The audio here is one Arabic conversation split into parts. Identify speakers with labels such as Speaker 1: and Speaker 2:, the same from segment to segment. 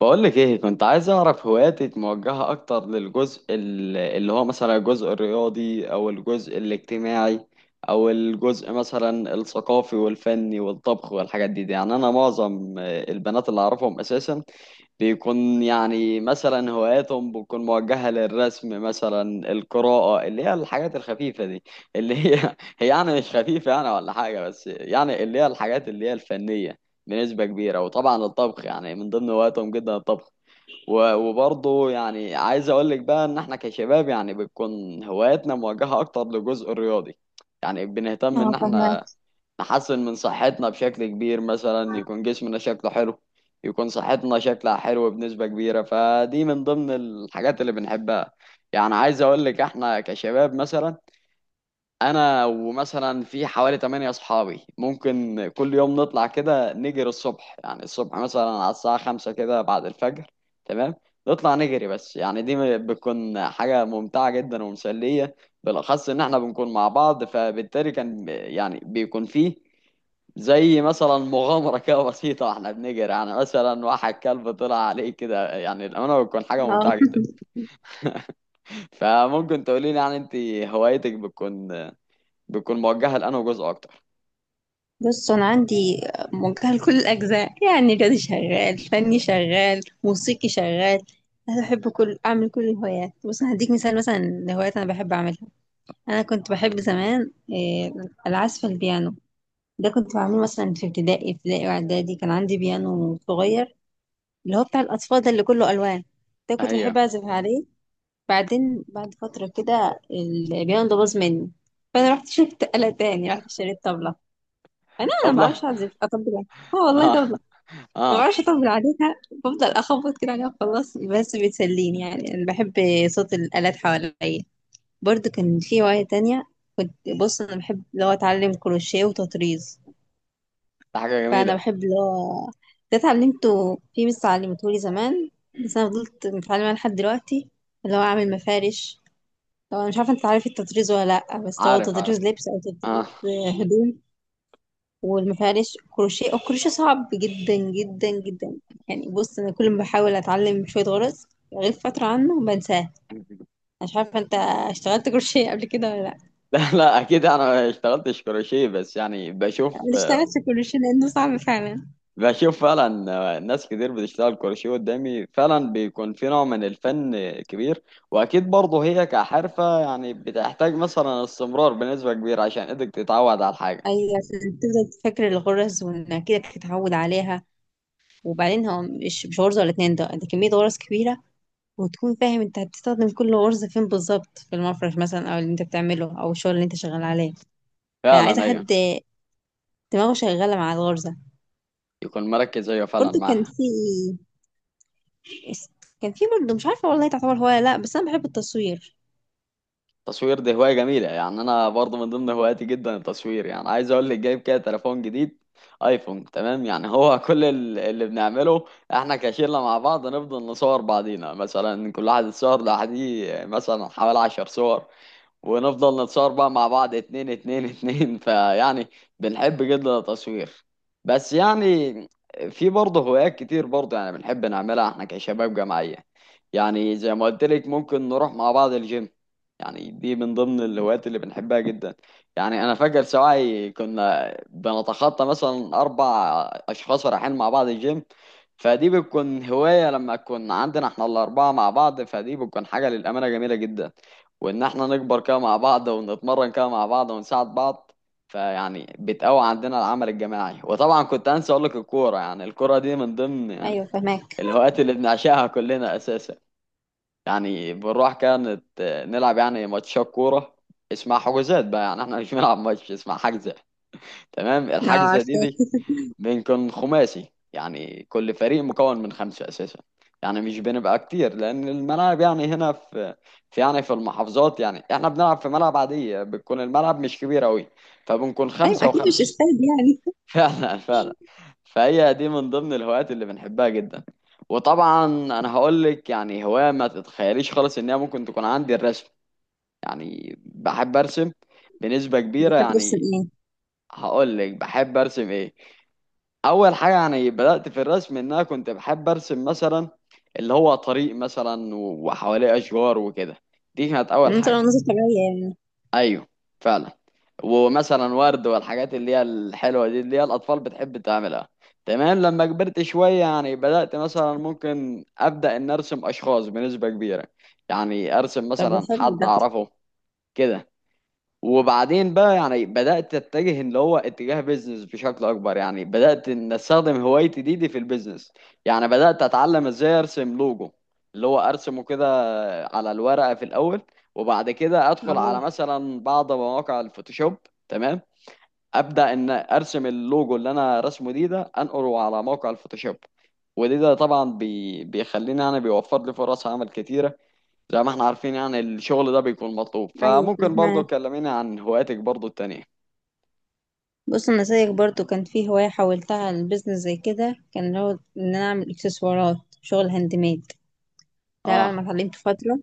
Speaker 1: بقولك ايه كنت عايز اعرف هواياتك موجهة اكتر للجزء اللي هو مثلا الجزء الرياضي او الجزء الاجتماعي او الجزء مثلا الثقافي والفني والطبخ والحاجات دي. يعني انا معظم البنات اللي اعرفهم اساسا بيكون يعني مثلا هواياتهم بتكون موجهة للرسم مثلا القراءة اللي هي الحاجات الخفيفة دي اللي هي هي يعني مش خفيفة يعني ولا حاجة بس يعني اللي هي الحاجات اللي هي الفنية بنسبة كبيرة. وطبعا الطبخ يعني من ضمن هواياتهم جدا الطبخ. وبرضه يعني عايز اقول لك بقى ان احنا كشباب يعني بتكون هواياتنا موجهة اكتر للجزء الرياضي. يعني بنهتم ان
Speaker 2: اه فهمك.
Speaker 1: احنا نحسن من صحتنا بشكل كبير مثلا يكون جسمنا شكله حلو، يكون صحتنا شكلها حلو بنسبة كبيرة، فدي من ضمن الحاجات اللي بنحبها. يعني عايز اقول لك احنا كشباب مثلا انا ومثلا في حوالي 8 اصحابي ممكن كل يوم نطلع كده نجري الصبح، يعني الصبح مثلا على الساعة 5 كده بعد الفجر. تمام. نطلع نجري بس يعني دي بتكون حاجة ممتعة جدا ومسلية بالاخص ان احنا بنكون مع بعض، فبالتالي كان يعني بيكون فيه زي مثلا مغامرة كده بسيطة واحنا بنجري، يعني مثلا واحد كلب طلع عليه كده، يعني الأمانة بتكون حاجة
Speaker 2: اه،
Speaker 1: ممتعة جدا. فممكن تقولي لي يعني انت هوايتك بتكون موجهة لأنه جزء أكتر؟
Speaker 2: بص، انا عندي موجهه لكل الاجزاء، يعني رياضي شغال، فني شغال، موسيقي شغال. انا بحب كل اعمل كل الهوايات. بص، أنا هديك مثال مثلا لهوايات انا بحب اعملها. انا كنت بحب زمان العزف على البيانو. ده كنت بعمله مثلا في ابتدائي واعدادي. كان عندي بيانو صغير اللي هو بتاع الاطفال ده اللي كله الوان، ده كنت بحب
Speaker 1: أيوه.
Speaker 2: اعزف عليه. بعدين بعد فتره كده البيانو ده باظ مني، فانا رحت شفت آلة تاني، رحت اشتريت طبلة. انا ما
Speaker 1: طبلة.
Speaker 2: بعرفش اعزف اطبل عليها. اه والله
Speaker 1: آه.
Speaker 2: طبلة، ما بعرفش
Speaker 1: آه.
Speaker 2: اطبل عليها. بفضل اخبط كده عليها وخلاص، بس بتسليني، يعني انا بحب صوت الالات حواليا. برضو كان في هواية تانية، كنت، بص انا بحب اللي هو اتعلم كروشيه وتطريز.
Speaker 1: ده حاجة
Speaker 2: فانا
Speaker 1: جميلة.
Speaker 2: بحب اللي هو، ده اتعلمته في مس علمته لي زمان، بس انا فضلت متعلمة لحد دلوقتي، اللي هو اعمل مفارش. طبعا مش عارفة انت عارف التطريز ولا لأ، بس هو
Speaker 1: عارف عارف.
Speaker 2: تطريز لبس او
Speaker 1: آه
Speaker 2: تطريز هدوم. وما فيهاش كروشيه، الكروشيه صعب جدا جدا جدا. يعني بص انا كل ما بحاول اتعلم شويه غرز، غيب فتره عنه بنساه. مش عارفه انت اشتغلت كروشيه قبل كده ولا لا؟
Speaker 1: لا لا، أكيد أنا ما اشتغلتش كروشيه بس يعني بشوف.
Speaker 2: انا اشتغلت في كروشيه لانه صعب فعلا.
Speaker 1: بشوف فعلا، ناس كتير بتشتغل كروشيه قدامي فعلا بيكون في نوع من الفن كبير. وأكيد برضه هي كحرفة يعني بتحتاج مثلا استمرار بنسبة كبيرة عشان إيدك تتعود على الحاجة.
Speaker 2: ايوه عشان تفضل فاكر الغرز وانك كده تتعود عليها. وبعدين هو مش غرزه ولا اتنين، ده كميه غرز كبيره. وتكون فاهم انت هتستخدم كل غرزه فين بالظبط في المفرش مثلا او اللي انت بتعمله او الشغل اللي انت شغال عليه. فعايزه
Speaker 1: فعلا أيوه.
Speaker 2: حد دماغه شغاله مع الغرزه.
Speaker 1: يكون مركز أيوه فعلا
Speaker 2: برضو كان
Speaker 1: معاها.
Speaker 2: في، اس- كان في برضه مش عارفة والله تعتبر هواية لا، بس أنا بحب التصوير.
Speaker 1: التصوير دي هواية جميلة، يعني أنا برضو من ضمن هواياتي جدا التصوير. يعني عايز أقول لك جايب كده تليفون جديد، أيفون. تمام يعني هو كل اللي بنعمله إحنا كشلة مع بعض نفضل نصور بعضينا، مثلا كل واحد يتصور لوحده مثلا حوالي 10 صور، ونفضل نتصور بقى مع بعض اتنين اتنين اتنين فيعني بنحب جدا التصوير. بس يعني في برضه هوايات كتير برضه يعني بنحب نعملها احنا كشباب جماعية. يعني زي ما قلت لك ممكن نروح مع بعض الجيم. يعني دي من ضمن الهوايات اللي بنحبها جدا. يعني انا فاكر سواعي كنا بنتخطى مثلا اربع اشخاص رايحين مع بعض الجيم، فدي بتكون هواية لما تكون عندنا احنا الاربعة مع بعض، فدي بتكون حاجة للأمانة جميلة جدا، وان احنا نكبر كده مع بعض ونتمرن كده مع بعض ونساعد بعض، فيعني بتقوي عندنا العمل الجماعي. وطبعا كنت انسى اقول لك الكوره، يعني الكوره دي من ضمن يعني
Speaker 2: أيوة فهماك.
Speaker 1: الهوايات اللي بنعشقها كلنا اساسا. يعني بنروح كانت نلعب يعني ماتشات كوره اسمها حجوزات. بقى يعني احنا مش بنلعب ماتش، اسمها حجزه. تمام.
Speaker 2: اه
Speaker 1: الحجزه
Speaker 2: عارفة.
Speaker 1: دي بنكون خماسي يعني كل فريق مكون من خمسة أساسا. يعني مش بنبقى كتير لأن الملاعب يعني هنا في يعني في المحافظات، يعني احنا بنلعب في ملعب عادية، بتكون الملعب مش كبير أوي فبنكون
Speaker 2: ايوه
Speaker 1: خمسة
Speaker 2: اكيد مش
Speaker 1: وخمسة.
Speaker 2: استاذ يعني.
Speaker 1: فعلا فعلا. فهي دي من ضمن الهوايات اللي بنحبها جدا. وطبعا أنا هقول لك يعني هواية ما تتخيليش خالص إن هي ممكن تكون عندي، الرسم. يعني بحب أرسم بنسبة كبيرة.
Speaker 2: بتحب ترسم
Speaker 1: يعني
Speaker 2: ايه؟
Speaker 1: هقول لك بحب أرسم إيه. اول حاجه يعني بدات في الرسم ان انا كنت بحب ارسم مثلا اللي هو طريق مثلا وحواليه اشجار وكده. دي كانت اول
Speaker 2: انت
Speaker 1: حاجه.
Speaker 2: لو نظرت طبيعية يعني.
Speaker 1: ايوه فعلا. ومثلا ورد والحاجات اللي هي الحلوه دي اللي هي الاطفال بتحب تعملها. تمام. لما كبرت شويه يعني بدات مثلا ممكن ابدا ان ارسم اشخاص بنسبه كبيره، يعني ارسم
Speaker 2: طب
Speaker 1: مثلا
Speaker 2: حلو
Speaker 1: حد
Speaker 2: ده.
Speaker 1: اعرفه كده. وبعدين بقى يعني بدأت اتجه اللي هو اتجاه بيزنس بشكل اكبر، يعني بدأت ان استخدم هوايتي دي في البيزنس. يعني بدأت اتعلم ازاي ارسم لوجو، اللي هو ارسمه كده على الورقة في الاول وبعد كده ادخل على
Speaker 2: اه.
Speaker 1: مثلا بعض مواقع الفوتوشوب. تمام. ابدأ ان ارسم اللوجو اللي انا رسمه دي ده انقله على موقع الفوتوشوب. ودي ده طبعا بيخليني انا، بيوفر لي فرص عمل كتيرة زي ما احنا عارفين، يعني الشغل ده بيكون مطلوب.
Speaker 2: أيوة
Speaker 1: فممكن برضه
Speaker 2: فهماك.
Speaker 1: تكلميني عن هواياتك برضه التانية؟
Speaker 2: بص أنا زيك برضه كان في هواية حولتها لبزنس زي كده، كان اللي هو إن أنا أعمل إكسسوارات، شغل هاند ميد. ده بعد
Speaker 1: اه.
Speaker 2: ما اتعلمت فترة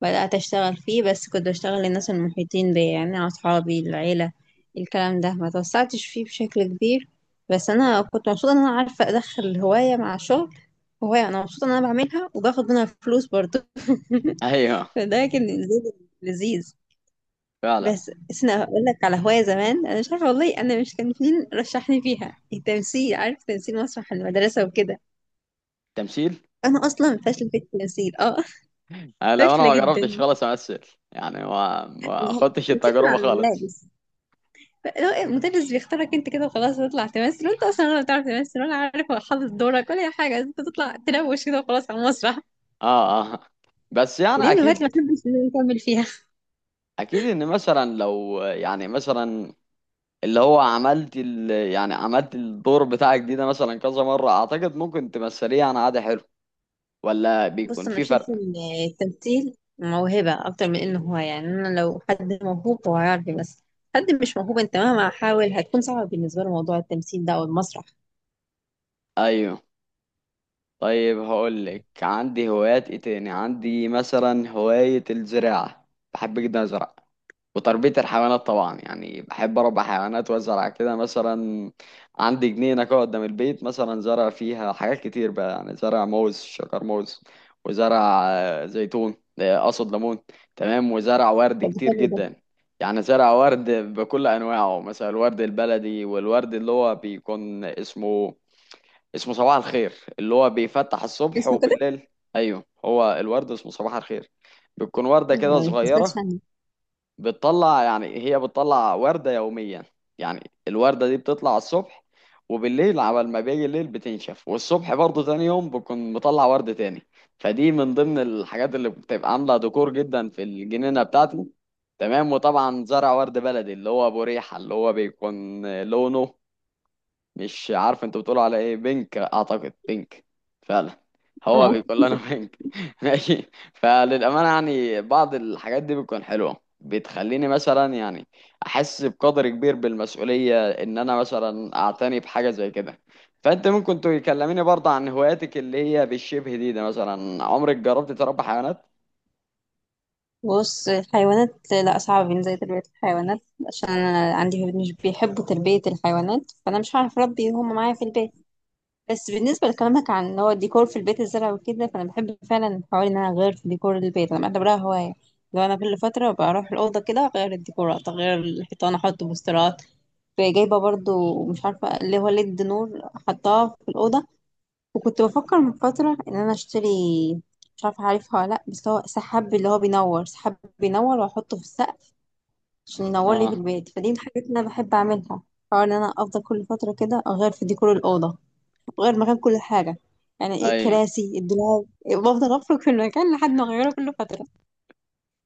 Speaker 2: بدأت أشتغل فيه، بس كنت بشتغل للناس المحيطين بيا، يعني أصحابي، العيلة. الكلام ده ما توسعتش فيه بشكل كبير، بس أنا كنت مبسوطة إن أنا عارفة أدخل هواية مع شغل، هواية أنا مبسوطة إن أنا بعملها وباخد منها فلوس برضه
Speaker 1: ايوه
Speaker 2: فده كان لذيذ لذيذ.
Speaker 1: فعلا.
Speaker 2: بس أنا أقول لك على هواية زمان، أنا مش عارفة والله، أنا مش كان مين رشحني فيها، التمثيل، عارف، تمثيل مسرح المدرسة وكده.
Speaker 1: تمثيل؟
Speaker 2: أنا أصلا فاشلة في التمثيل، أه
Speaker 1: آه لو انا
Speaker 2: فاشلة
Speaker 1: ما جربتش
Speaker 2: جدا.
Speaker 1: خالص امثل، يعني ما خدتش
Speaker 2: تمثيل مع
Speaker 1: التجربة خالص.
Speaker 2: الملابس، لو المدرس بيختارك انت كده وخلاص، تطلع تمثل وانت اصلا ولا بتعرف تمثل ولا عارف حافظ دورك ولا اي حاجه، انت تطلع تلوش كده وخلاص على المسرح.
Speaker 1: اه اه. بس
Speaker 2: دي
Speaker 1: يعني
Speaker 2: من الهوايات
Speaker 1: اكيد.
Speaker 2: اللي ما بحبش إن أنا اكمل فيها.
Speaker 1: اكيد ان مثلا لو يعني مثلا اللي هو عملت ال يعني عملت الدور بتاعك ده مثلا كذا مرة اعتقد ممكن تمثليه يعني عادي حلو، ولا بيكون
Speaker 2: بص انا
Speaker 1: في
Speaker 2: بشوف
Speaker 1: فرق؟
Speaker 2: ان التمثيل موهبه اكتر من انه هو، يعني انا لو حد موهوب هو هيعرف، بس حد مش موهوب انت مهما حاول هتكون صعبه بالنسبه له موضوع التمثيل ده او المسرح.
Speaker 1: ايوه. طيب هقولك عندي هوايات ايه تاني. عندي مثلا هواية الزراعة، بحب جدا ازرع. وتربية الحيوانات طبعا يعني بحب اربي حيوانات وازرع كده. مثلا عندي جنينة كده قدام البيت، مثلا زرع فيها حاجات كتير بقى، يعني زرع موز شجر موز، وزرع زيتون، اقصد ليمون. تمام. وزرع ورد
Speaker 2: طب ده
Speaker 1: كتير
Speaker 2: حلو ده.
Speaker 1: جدا، يعني زرع ورد بكل انواعه، مثلا الورد البلدي والورد اللي هو بيكون اسمه صباح الخير اللي هو بيفتح الصبح
Speaker 2: اسمه كده؟
Speaker 1: وبالليل. ايوه هو الورد اسمه صباح الخير. بتكون وردة
Speaker 2: آه،
Speaker 1: كده
Speaker 2: ما سمعتش
Speaker 1: صغيرة
Speaker 2: عنه.
Speaker 1: بتطلع، يعني هي بتطلع وردة يوميا. يعني الوردة دي بتطلع الصبح، وبالليل عبال ما بيجي الليل بتنشف، والصبح برضه تاني يوم بكون مطلع ورد تاني. فدي من ضمن الحاجات اللي بتبقى عاملة ديكور جدا في الجنينة بتاعتي. تمام. وطبعا زرع ورد بلدي اللي هو ابو ريحة، اللي هو بيكون لونه مش عارف انت بتقول على ايه، بينك اعتقد بينك. فعلا هو
Speaker 2: اه
Speaker 1: بيقول لنا بينك ماشي. فللامانه يعني بعض الحاجات دي بتكون حلوه بتخليني مثلا يعني احس بقدر كبير بالمسؤوليه ان انا مثلا اعتني بحاجه زي كده. فانت ممكن تكلميني برضه عن هواياتك اللي هي بالشبه دي مثلا؟ عمرك جربت تربي حيوانات؟
Speaker 2: بص الحيوانات لا، صعب بالنسبة لي تربية الحيوانات، عشان أنا عندي ولاد مش بيحبوا تربية الحيوانات، فأنا مش هعرف أربي هما معايا في البيت. بس بالنسبة لكلامك عن اللي هو الديكور في البيت، الزرع وكده، فأنا بحب فعلا حوالي إن أنا أغير في ديكور البيت، أنا بعتبرها هواية. لو أنا كل فترة بروح الأوضة كده أغير الديكورات، أغير الحيطان، أحط بوسترات. جايبة برضو مش عارفة اللي هو ليد نور، حطاه في الأوضة. وكنت بفكر من فترة ان انا اشتري، مش عارفة عارفها ولا لا، بس هو سحاب اللي هو بينور، سحاب بينور واحطه في السقف عشان ينور لي في
Speaker 1: اه.
Speaker 2: البيت، فدي من الحاجات اللي انا بحب اعملها. حوار ان انا افضل كل فترة كده اغير في ديكور الأوضة، اغير مكان كل حاجة، يعني
Speaker 1: ايوه
Speaker 2: الكراسي، الدولاب، بفضل افرك في المكان لحد ما اغيره كل فترة.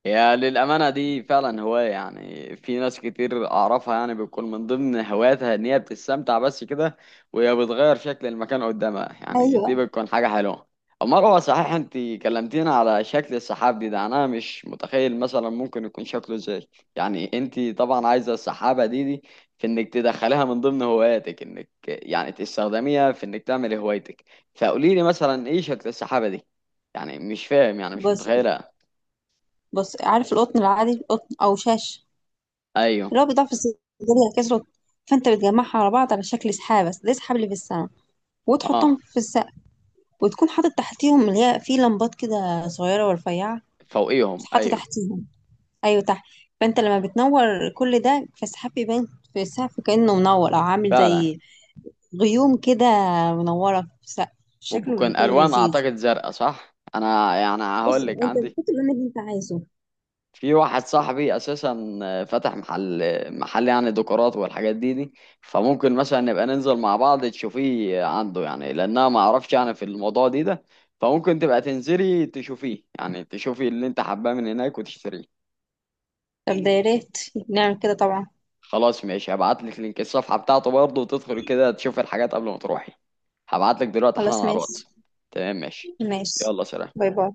Speaker 1: هي للأمانة دي فعلا هواية، يعني في ناس كتير أعرفها يعني بيكون من ضمن هواياتها إن هي بتستمتع بس كده، وهي بتغير شكل المكان قدامها، يعني
Speaker 2: ايوه.
Speaker 1: دي بتكون حاجة حلوة. أمال هو صحيح، أنت كلمتينا على شكل السحاب ده أنا مش متخيل مثلا ممكن يكون شكله إزاي. يعني أنت طبعا عايزة السحابة دي في إنك تدخليها من ضمن هواياتك، إنك يعني تستخدميها في إنك تعملي هوايتك. فقوليلي مثلا إيه شكل السحابة دي؟ يعني مش فاهم يعني مش
Speaker 2: بص
Speaker 1: متخيلها.
Speaker 2: بص عارف القطن العادي، القطن او شاش
Speaker 1: أيوه.
Speaker 2: اللي هو بيضاف في الصيدلية كسرت، فانت بتجمعها على بعض على شكل سحاب، بس ده سحاب اللي في السماء، وتحطهم
Speaker 1: أه.
Speaker 2: في السقف، وتكون حاطط تحتيهم اللي هي في لمبات كده صغيرة ورفيعة. بس
Speaker 1: فوقيهم
Speaker 2: حاطط
Speaker 1: ايوه.
Speaker 2: تحتيهم، أيوة تحت. فأنت لما بتنور كل ده فالسحاب بيبان في السقف كأنه منور أو عامل
Speaker 1: فعلا.
Speaker 2: زي غيوم كده، منورة في السقف، شكله
Speaker 1: وبكون
Speaker 2: بيكون
Speaker 1: الوان
Speaker 2: لذيذ.
Speaker 1: اعتقد زرقاء، صح؟ انا يعني
Speaker 2: بص
Speaker 1: هقول لك
Speaker 2: أنت
Speaker 1: عندي
Speaker 2: بتحط اللون اللي أنت عايزه.
Speaker 1: في واحد صاحبي اساسا فتح محل، محل يعني ديكورات والحاجات دي. فممكن مثلا نبقى ننزل مع بعض تشوفيه عنده، يعني لانها ما اعرفش يعني في الموضوع ده. فممكن تبقى تنزلي تشوفيه يعني، تشوفي اللي انت حباه من هناك وتشتريه.
Speaker 2: طب ده يا ريت، نعمل كده طبعا.
Speaker 1: خلاص ماشي. هبعت لك لينك الصفحة بتاعته برضه وتدخلي كده تشوفي الحاجات قبل ما تروحي. هبعت لك دلوقتي حالا
Speaker 2: خلاص
Speaker 1: على
Speaker 2: ماشي.
Speaker 1: الواتس. تمام ماشي.
Speaker 2: ماشي.
Speaker 1: يلا سلام.
Speaker 2: باي باي.